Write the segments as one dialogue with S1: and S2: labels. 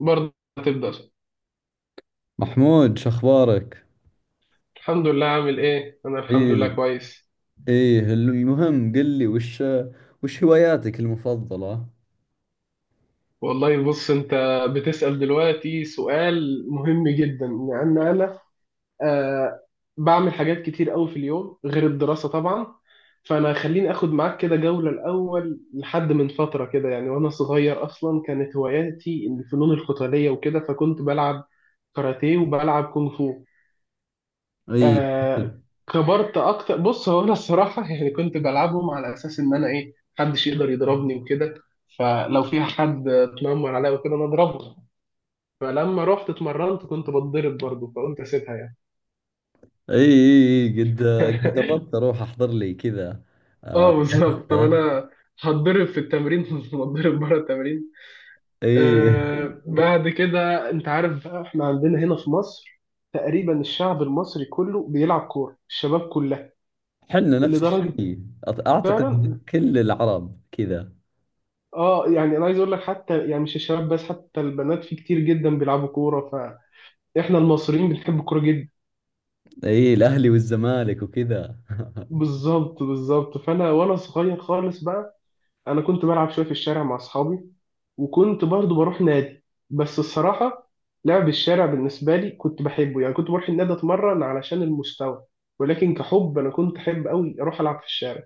S1: برضه هتبدأ شهر.
S2: محمود شو اخبارك؟
S1: الحمد لله. عامل ايه؟ انا الحمد
S2: ايه
S1: لله كويس.
S2: ايه المهم قل لي وش هواياتك المفضلة؟
S1: والله بص، انت بتسأل دلوقتي سؤال مهم جدا، لان انا آه بعمل حاجات كتير قوي في اليوم غير الدراسة طبعا. فانا خليني اخد معاك كده جولة. الاول لحد من فترة كده يعني وانا صغير، اصلا كانت هواياتي الفنون القتالية وكده، فكنت بلعب كاراتيه وبلعب كونغ فو.
S2: ايه
S1: آه
S2: ايه
S1: كبرت اكتر. بص، هو انا الصراحه يعني كنت بلعبهم على اساس ان انا ايه، محدش يقدر يضربني وكده. فلو في حد اتنمر عليا وكده انا اضربه. فلما رحت اتمرنت كنت بتضرب برضه، فقلت اسيبها يعني.
S2: ايه قد جربت اروح احضر لي كذا.
S1: اه بالظبط. طب انا هتضرب في التمرين هتضرب بره التمرين.
S2: ايه،
S1: بعد كده انت عارف بقى، احنا عندنا هنا في مصر تقريبا الشعب المصري كله بيلعب كوره، الشباب كلها
S2: حنا نفس
S1: لدرجه.
S2: الشيء، اعتقد
S1: فعلا.
S2: كل العرب كذا.
S1: اه يعني انا عايز اقول لك حتى، يعني مش الشباب بس، حتى البنات في كتير جدا بيلعبوا كوره. فاحنا المصريين بنحب الكوره جدا.
S2: ايه، الاهلي والزمالك وكذا.
S1: بالظبط بالظبط. فانا وانا صغير خالص بقى، انا كنت بلعب شويه في الشارع مع اصحابي، وكنت برضو بروح نادي. بس الصراحه لعب الشارع بالنسبه لي كنت بحبه. يعني كنت بروح النادي اتمرن علشان المستوى، ولكن كحب انا كنت احب قوي اروح العب في الشارع.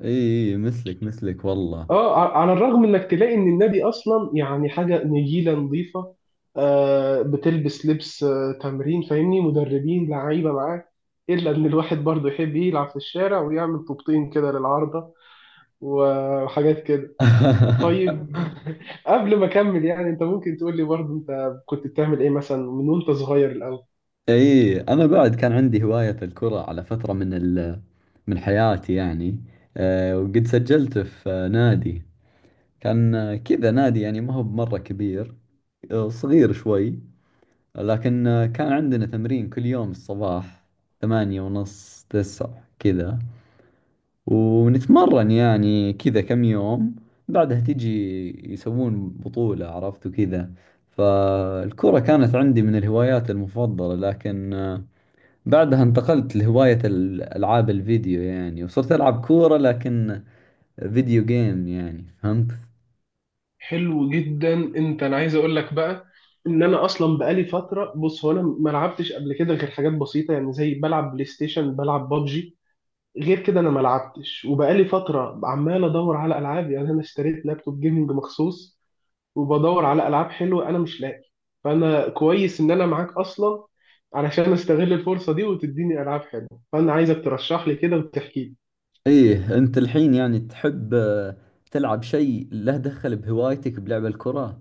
S2: ايه ايه إيه، مثلك مثلك والله.
S1: اه. على الرغم انك تلاقي ان النبي اصلا يعني حاجه نجيله نظيفه، بتلبس لبس تمرين، فاهمني، مدربين لعيبه معاك، الا ان الواحد برضه يحب يلعب في الشارع ويعمل طوبتين كده للعارضه وحاجات كده. طيب. قبل ما اكمل، يعني انت ممكن تقول لي برضه انت كنت بتعمل ايه مثلا من وانت صغير الاول؟
S2: اي انا بعد كان عندي هواية الكرة على فترة من من حياتي يعني. أه وقد سجلت في نادي، كان كذا نادي يعني ما هو بمرة كبير، صغير شوي. لكن كان عندنا تمرين كل يوم الصباح، ثمانية ونص تسعة كذا، ونتمرن يعني كذا كم يوم. بعدها تجي يسوون بطولة، عرفت وكذا. فالكرة كانت عندي من الهوايات المفضلة، لكن بعدها انتقلت لهواية الألعاب الفيديو يعني، وصرت ألعب كورة لكن فيديو جيم يعني، فهمت؟
S1: حلو جدا. انت انا عايز اقول لك بقى ان انا اصلا بقالي فتره. بص، هو انا ما لعبتش قبل كده غير حاجات بسيطه، يعني زي بلعب بلاي ستيشن، بلعب بابجي. غير كده انا ما لعبتش، وبقالي فتره عمال ادور على العاب. يعني انا اشتريت لابتوب جيمنج مخصوص وبدور على العاب حلوه، انا مش لاقي. فانا كويس ان انا معاك اصلا، علشان استغل الفرصه دي وتديني العاب حلوه. فانا عايزك ترشح لي كده وتحكي لي.
S2: إيه، أنت الحين يعني تحب تلعب شيء له دخل بهوايتك بلعب الكرة؟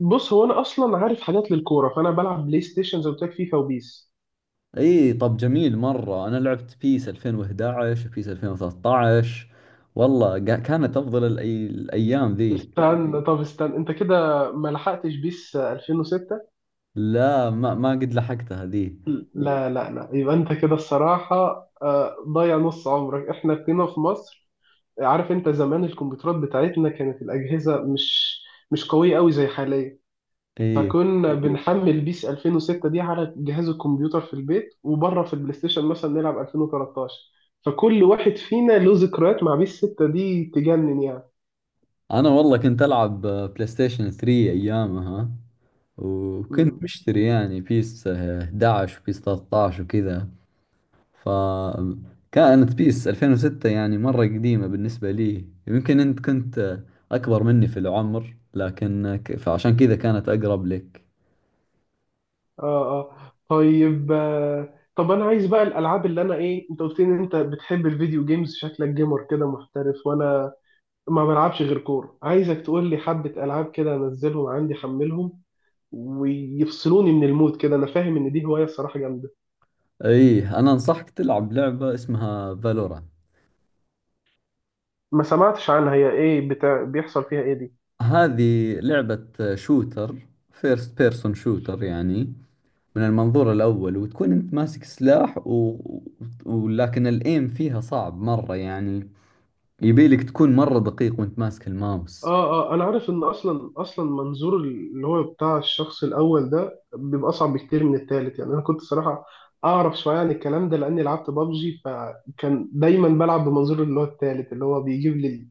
S1: بص، هو انا اصلا عارف حاجات للكوره. فانا بلعب بلاي ستيشن زي ما قلت لك، فيفا وبيس.
S2: إيه، طب جميل مرة. أنا لعبت بيس 2011 وبيس 2013 والله، كانت أفضل الأيام ذيك.
S1: استنى. طب استنى، انت كده ما لحقتش بيس 2006؟
S2: لا، ما قد لحقتها ذي.
S1: لا لا لا، يبقى انت كده الصراحة آه، ضيع نص عمرك. احنا كنا في مصر، عارف، انت زمان الكمبيوترات بتاعتنا كانت الأجهزة مش قوية قوي زي حاليا.
S2: إيه،
S1: فكنا مظبوط بنحمل بيس 2006 دي على جهاز الكمبيوتر في البيت، وبره في البلاي ستيشن مثلا نلعب 2013. فكل واحد فينا له ذكريات مع بيس 6 دي تجنن
S2: أنا والله كنت ألعب بلاي ستيشن 3 أيامها، وكنت
S1: يعني.
S2: مشتري يعني بيس 11 وبيس 13 وكذا. فكانت بيس 2006 يعني مرة قديمة بالنسبة لي. يمكن أنت كنت أكبر مني في العمر، لكن فعشان كذا كانت أقرب لك.
S1: اه. اه. طيب آه، طب انا عايز بقى الالعاب، اللي انا ايه، انت قلت لي ان انت بتحب الفيديو جيمز، شكلك جيمر كده محترف، وانا ما بلعبش غير كوره. عايزك تقول لي حبه العاب كده، انزلهم عندي، حملهم ويفصلوني من المود كده. انا فاهم ان دي هوايه الصراحه جامده.
S2: إيه، أنا أنصحك تلعب لعبة اسمها فالورا.
S1: ما سمعتش عنها. هي ايه؟ بتاع بيحصل فيها ايه دي؟
S2: هذه لعبة شوتر، فيرست بيرسون شوتر يعني، من المنظور الأول، وتكون أنت ماسك سلاح ولكن الإيم فيها صعب مرة يعني، يبيلك تكون مرة دقيق وانت ماسك الماوس.
S1: اه. اه انا عارف ان اصلا منظور اللي هو بتاع الشخص الاول ده بيبقى اصعب بكتير من التالت. يعني انا كنت صراحه اعرف شويه عن الكلام ده، لاني لعبت بابجي، فكان دايما بلعب بمنظور اللي هو التالت، اللي هو بيجيب لي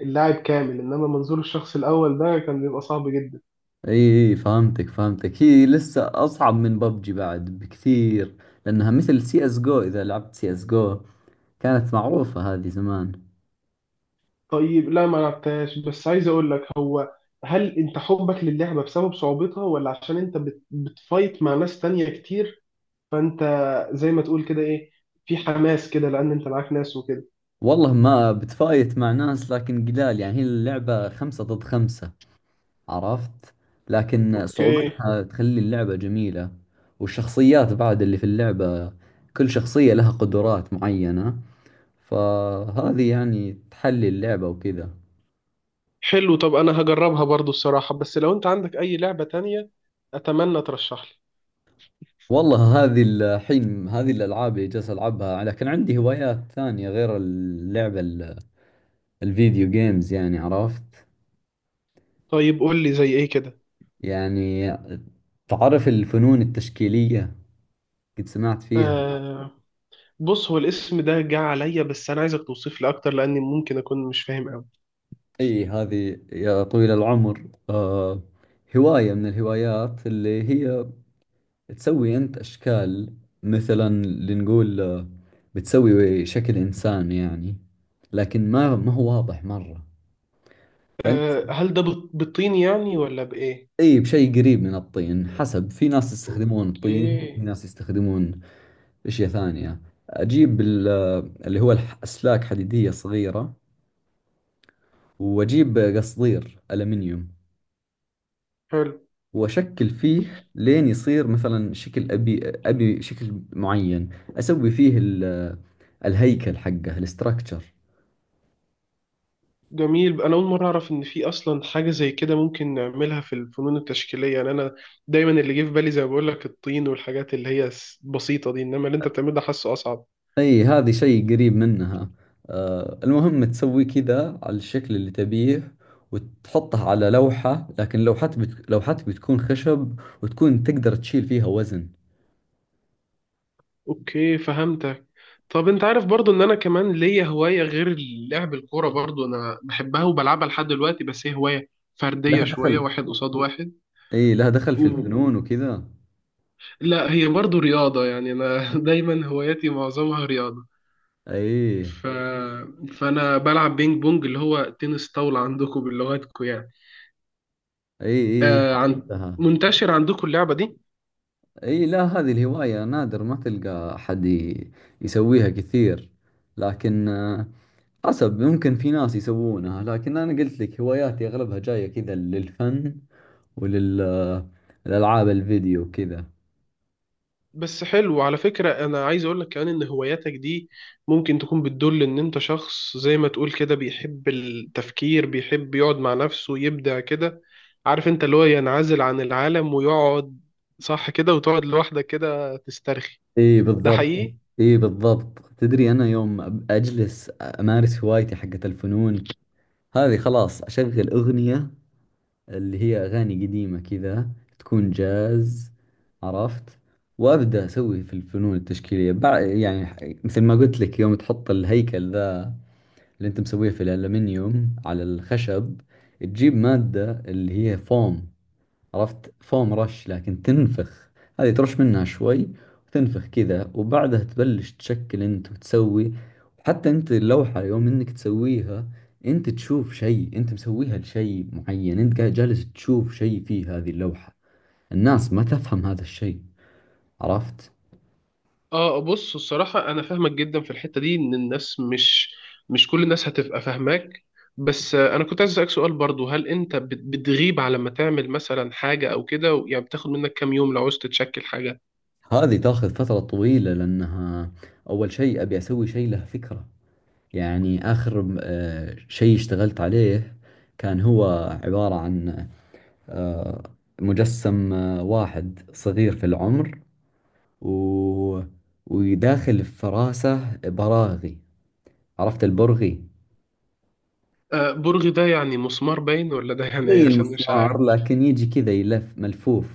S1: اللاعب كامل. انما منظور الشخص الاول ده كان بيبقى صعب جدا.
S2: اي اي فهمتك. هي لسه اصعب من ببجي بعد بكثير، لانها مثل سي اس جو. اذا لعبت سي اس جو، كانت معروفة هذه زمان.
S1: طيب. لا ما لعبتهاش. بس عايز اقول لك، هو هل انت حبك للعبه بسبب صعوبتها، ولا عشان انت بت بتفايت مع ناس تانية كتير؟ فانت زي ما تقول كده، ايه، في حماس كده لان انت معاك ناس وكده.
S2: والله ما بتفايت مع ناس لكن قلال يعني، هي اللعبة خمسة ضد خمسة، عرفت، لكن
S1: اوكي.
S2: صعوبتها تخلي اللعبة جميلة. والشخصيات بعد اللي في اللعبة، كل شخصية لها قدرات معينة، فهذه يعني تحلي اللعبة وكذا.
S1: حلو. طب انا هجربها برضو الصراحة. بس لو انت عندك اي لعبة تانية اتمنى ترشح لي.
S2: والله هذه الحين هذه الألعاب اللي جالس ألعبها، لكن عندي هوايات ثانية غير اللعبة الفيديو جيمز يعني، عرفت،
S1: طيب قول لي زي ايه كده.
S2: يعني تعرف الفنون التشكيلية، قد سمعت فيها؟
S1: آه. بص، هو الاسم ده جه عليا، بس انا عايزك توصف لي اكتر لاني ممكن اكون مش فاهم قوي.
S2: أي، هذه يا طويل العمر هواية من الهوايات اللي هي تسوي أنت أشكال. مثلا لنقول بتسوي شكل إنسان يعني، لكن ما هو واضح مرة.
S1: آه، هل ده بالطين يعني، ولا بايه؟
S2: اي بشيء قريب من الطين، حسب، في ناس يستخدمون
S1: اوكي.
S2: الطين، في ناس يستخدمون اشياء ثانية. اجيب اللي هو اسلاك حديدية صغيرة، واجيب قصدير الومنيوم،
S1: حلو.
S2: واشكل فيه لين يصير مثلا شكل ابي، ابي شكل معين. اسوي فيه الهيكل حقه الاستراكشر.
S1: جميل. انا اول مره اعرف ان في اصلا حاجه زي كده ممكن نعملها في الفنون التشكيليه. يعني انا دايما اللي جه في بالي زي ما بقول لك، الطين والحاجات اللي هي بسيطه دي. انما اللي انت بتعمله ده حاسه اصعب.
S2: اي هذه شيء قريب منها. آه المهم تسوي كذا على الشكل اللي تبيه، وتحطه على لوحة، لكن لوحتك بتكون خشب، وتكون تقدر تشيل فيها وزن.
S1: اوكي فهمتك. طب انت عارف برضو ان انا كمان ليا هواية غير لعب الكورة، برضو انا بحبها وبلعبها لحد دلوقتي، بس هي هواية
S2: لها
S1: فردية شوية،
S2: دخل،
S1: واحد قصاد واحد.
S2: اي لها دخل في
S1: و...
S2: الفنون وكذا.
S1: لا هي برضو رياضة. يعني انا دايما هواياتي معظمها رياضة.
S2: اي
S1: ف... فانا بلعب بينج بونج، اللي هو تنس طاولة عندكم بلغتكم يعني.
S2: اي اي
S1: آه. عن...
S2: لها.
S1: منتشر عندكم اللعبة دي؟
S2: اي لا، هذه الهواية نادر ما تلقى أحد يسويها كثير، لكن حسب، ممكن في ناس يسوونها، لكن أنا قلت لك هواياتي أغلبها جاية كذا للفن وللألعاب الفيديو كذا.
S1: بس حلو على فكرة، أنا عايز أقولك كمان إن هواياتك دي ممكن تكون بتدل إن أنت شخص زي ما تقول كده بيحب التفكير، بيحب يقعد مع نفسه يبدع كده. عارف، أنت اللي هو ينعزل عن العالم ويقعد، صح كده، وتقعد لوحدك كده تسترخي.
S2: اي
S1: ده
S2: بالضبط.
S1: حقيقي؟
S2: اي بالضبط، تدري انا يوم اجلس امارس هوايتي حقت الفنون، هذه خلاص اشغل اغنية اللي هي اغاني قديمة كذا، تكون جاز، عرفت، وابدا اسوي في الفنون التشكيلية، مثل ما قلت لك، يوم تحط الهيكل ذا اللي انت مسويه في الالمنيوم على الخشب، تجيب مادة اللي هي فوم، عرفت، فوم رش لكن تنفخ، هذه ترش منها شوي وتنفخ كذا، وبعدها تبلش تشكل انت وتسوي. وحتى انت اللوحة يوم انك تسويها، انت تشوف شيء، انت مسويها لشيء معين، انت قاعد جالس تشوف شيء في هذه اللوحة، الناس ما تفهم هذا الشيء، عرفت.
S1: آه بص الصراحة أنا فاهمك جدا في الحتة دي، إن الناس مش كل الناس هتبقى فاهماك. بس آه، أنا كنت عايز أسألك سؤال برضو. هل أنت بتغيب على ما تعمل مثلا حاجة أو كده؟ يعني بتاخد منك كام يوم لو عوزت تشكل حاجة؟
S2: هذه تاخذ فترة طويلة، لانها اول شيء ابي اسوي شيء له فكرة. يعني اخر شيء اشتغلت عليه كان هو عبارة عن آه، مجسم واحد صغير في العمر، و... وداخل في فراسه براغي، عرفت البرغي؟
S1: آه، برغي ده يعني مسمار باين، ولا ده يعني ايه؟
S2: زي
S1: عشان مش عارف.
S2: المسمار لكن يجي كذا يلف ملفوف.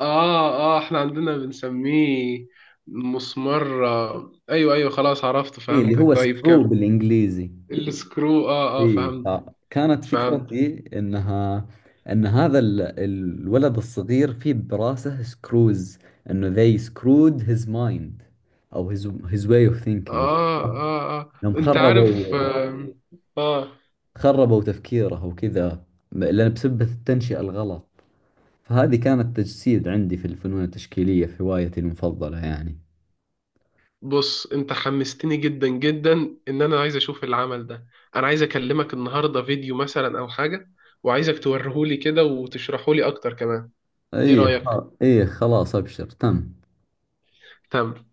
S1: اه اه، احنا عندنا بنسميه مسمار آه. ايوه ايوه خلاص عرفت
S2: اي اللي هو
S1: فهمتك. طيب
S2: سكرو
S1: كم؟
S2: بالانجليزي.
S1: السكرو. اه اه
S2: اي
S1: فهمتك.
S2: فكانت
S1: فهمت.
S2: فكرتي انها ان هذا الولد الصغير فيه براسه سكروز، انه they screwed his mind او his way of thinking.
S1: اه اه اه
S2: يوم
S1: انت عارف آه, اه
S2: خربوا تفكيره وكذا، لأن بسبة التنشئة الغلط. فهذه كانت تجسيد عندي في الفنون التشكيلية، في هوايتي المفضلة يعني.
S1: بص انت حمستني جدا جدا ان انا عايز اشوف العمل ده. انا عايز اكلمك النهارده فيديو مثلا او حاجة، وعايزك توريهولي كده وتشرحولي اكتر كمان. ايه رأيك؟
S2: أي خلاص أبشر تم.
S1: تمام.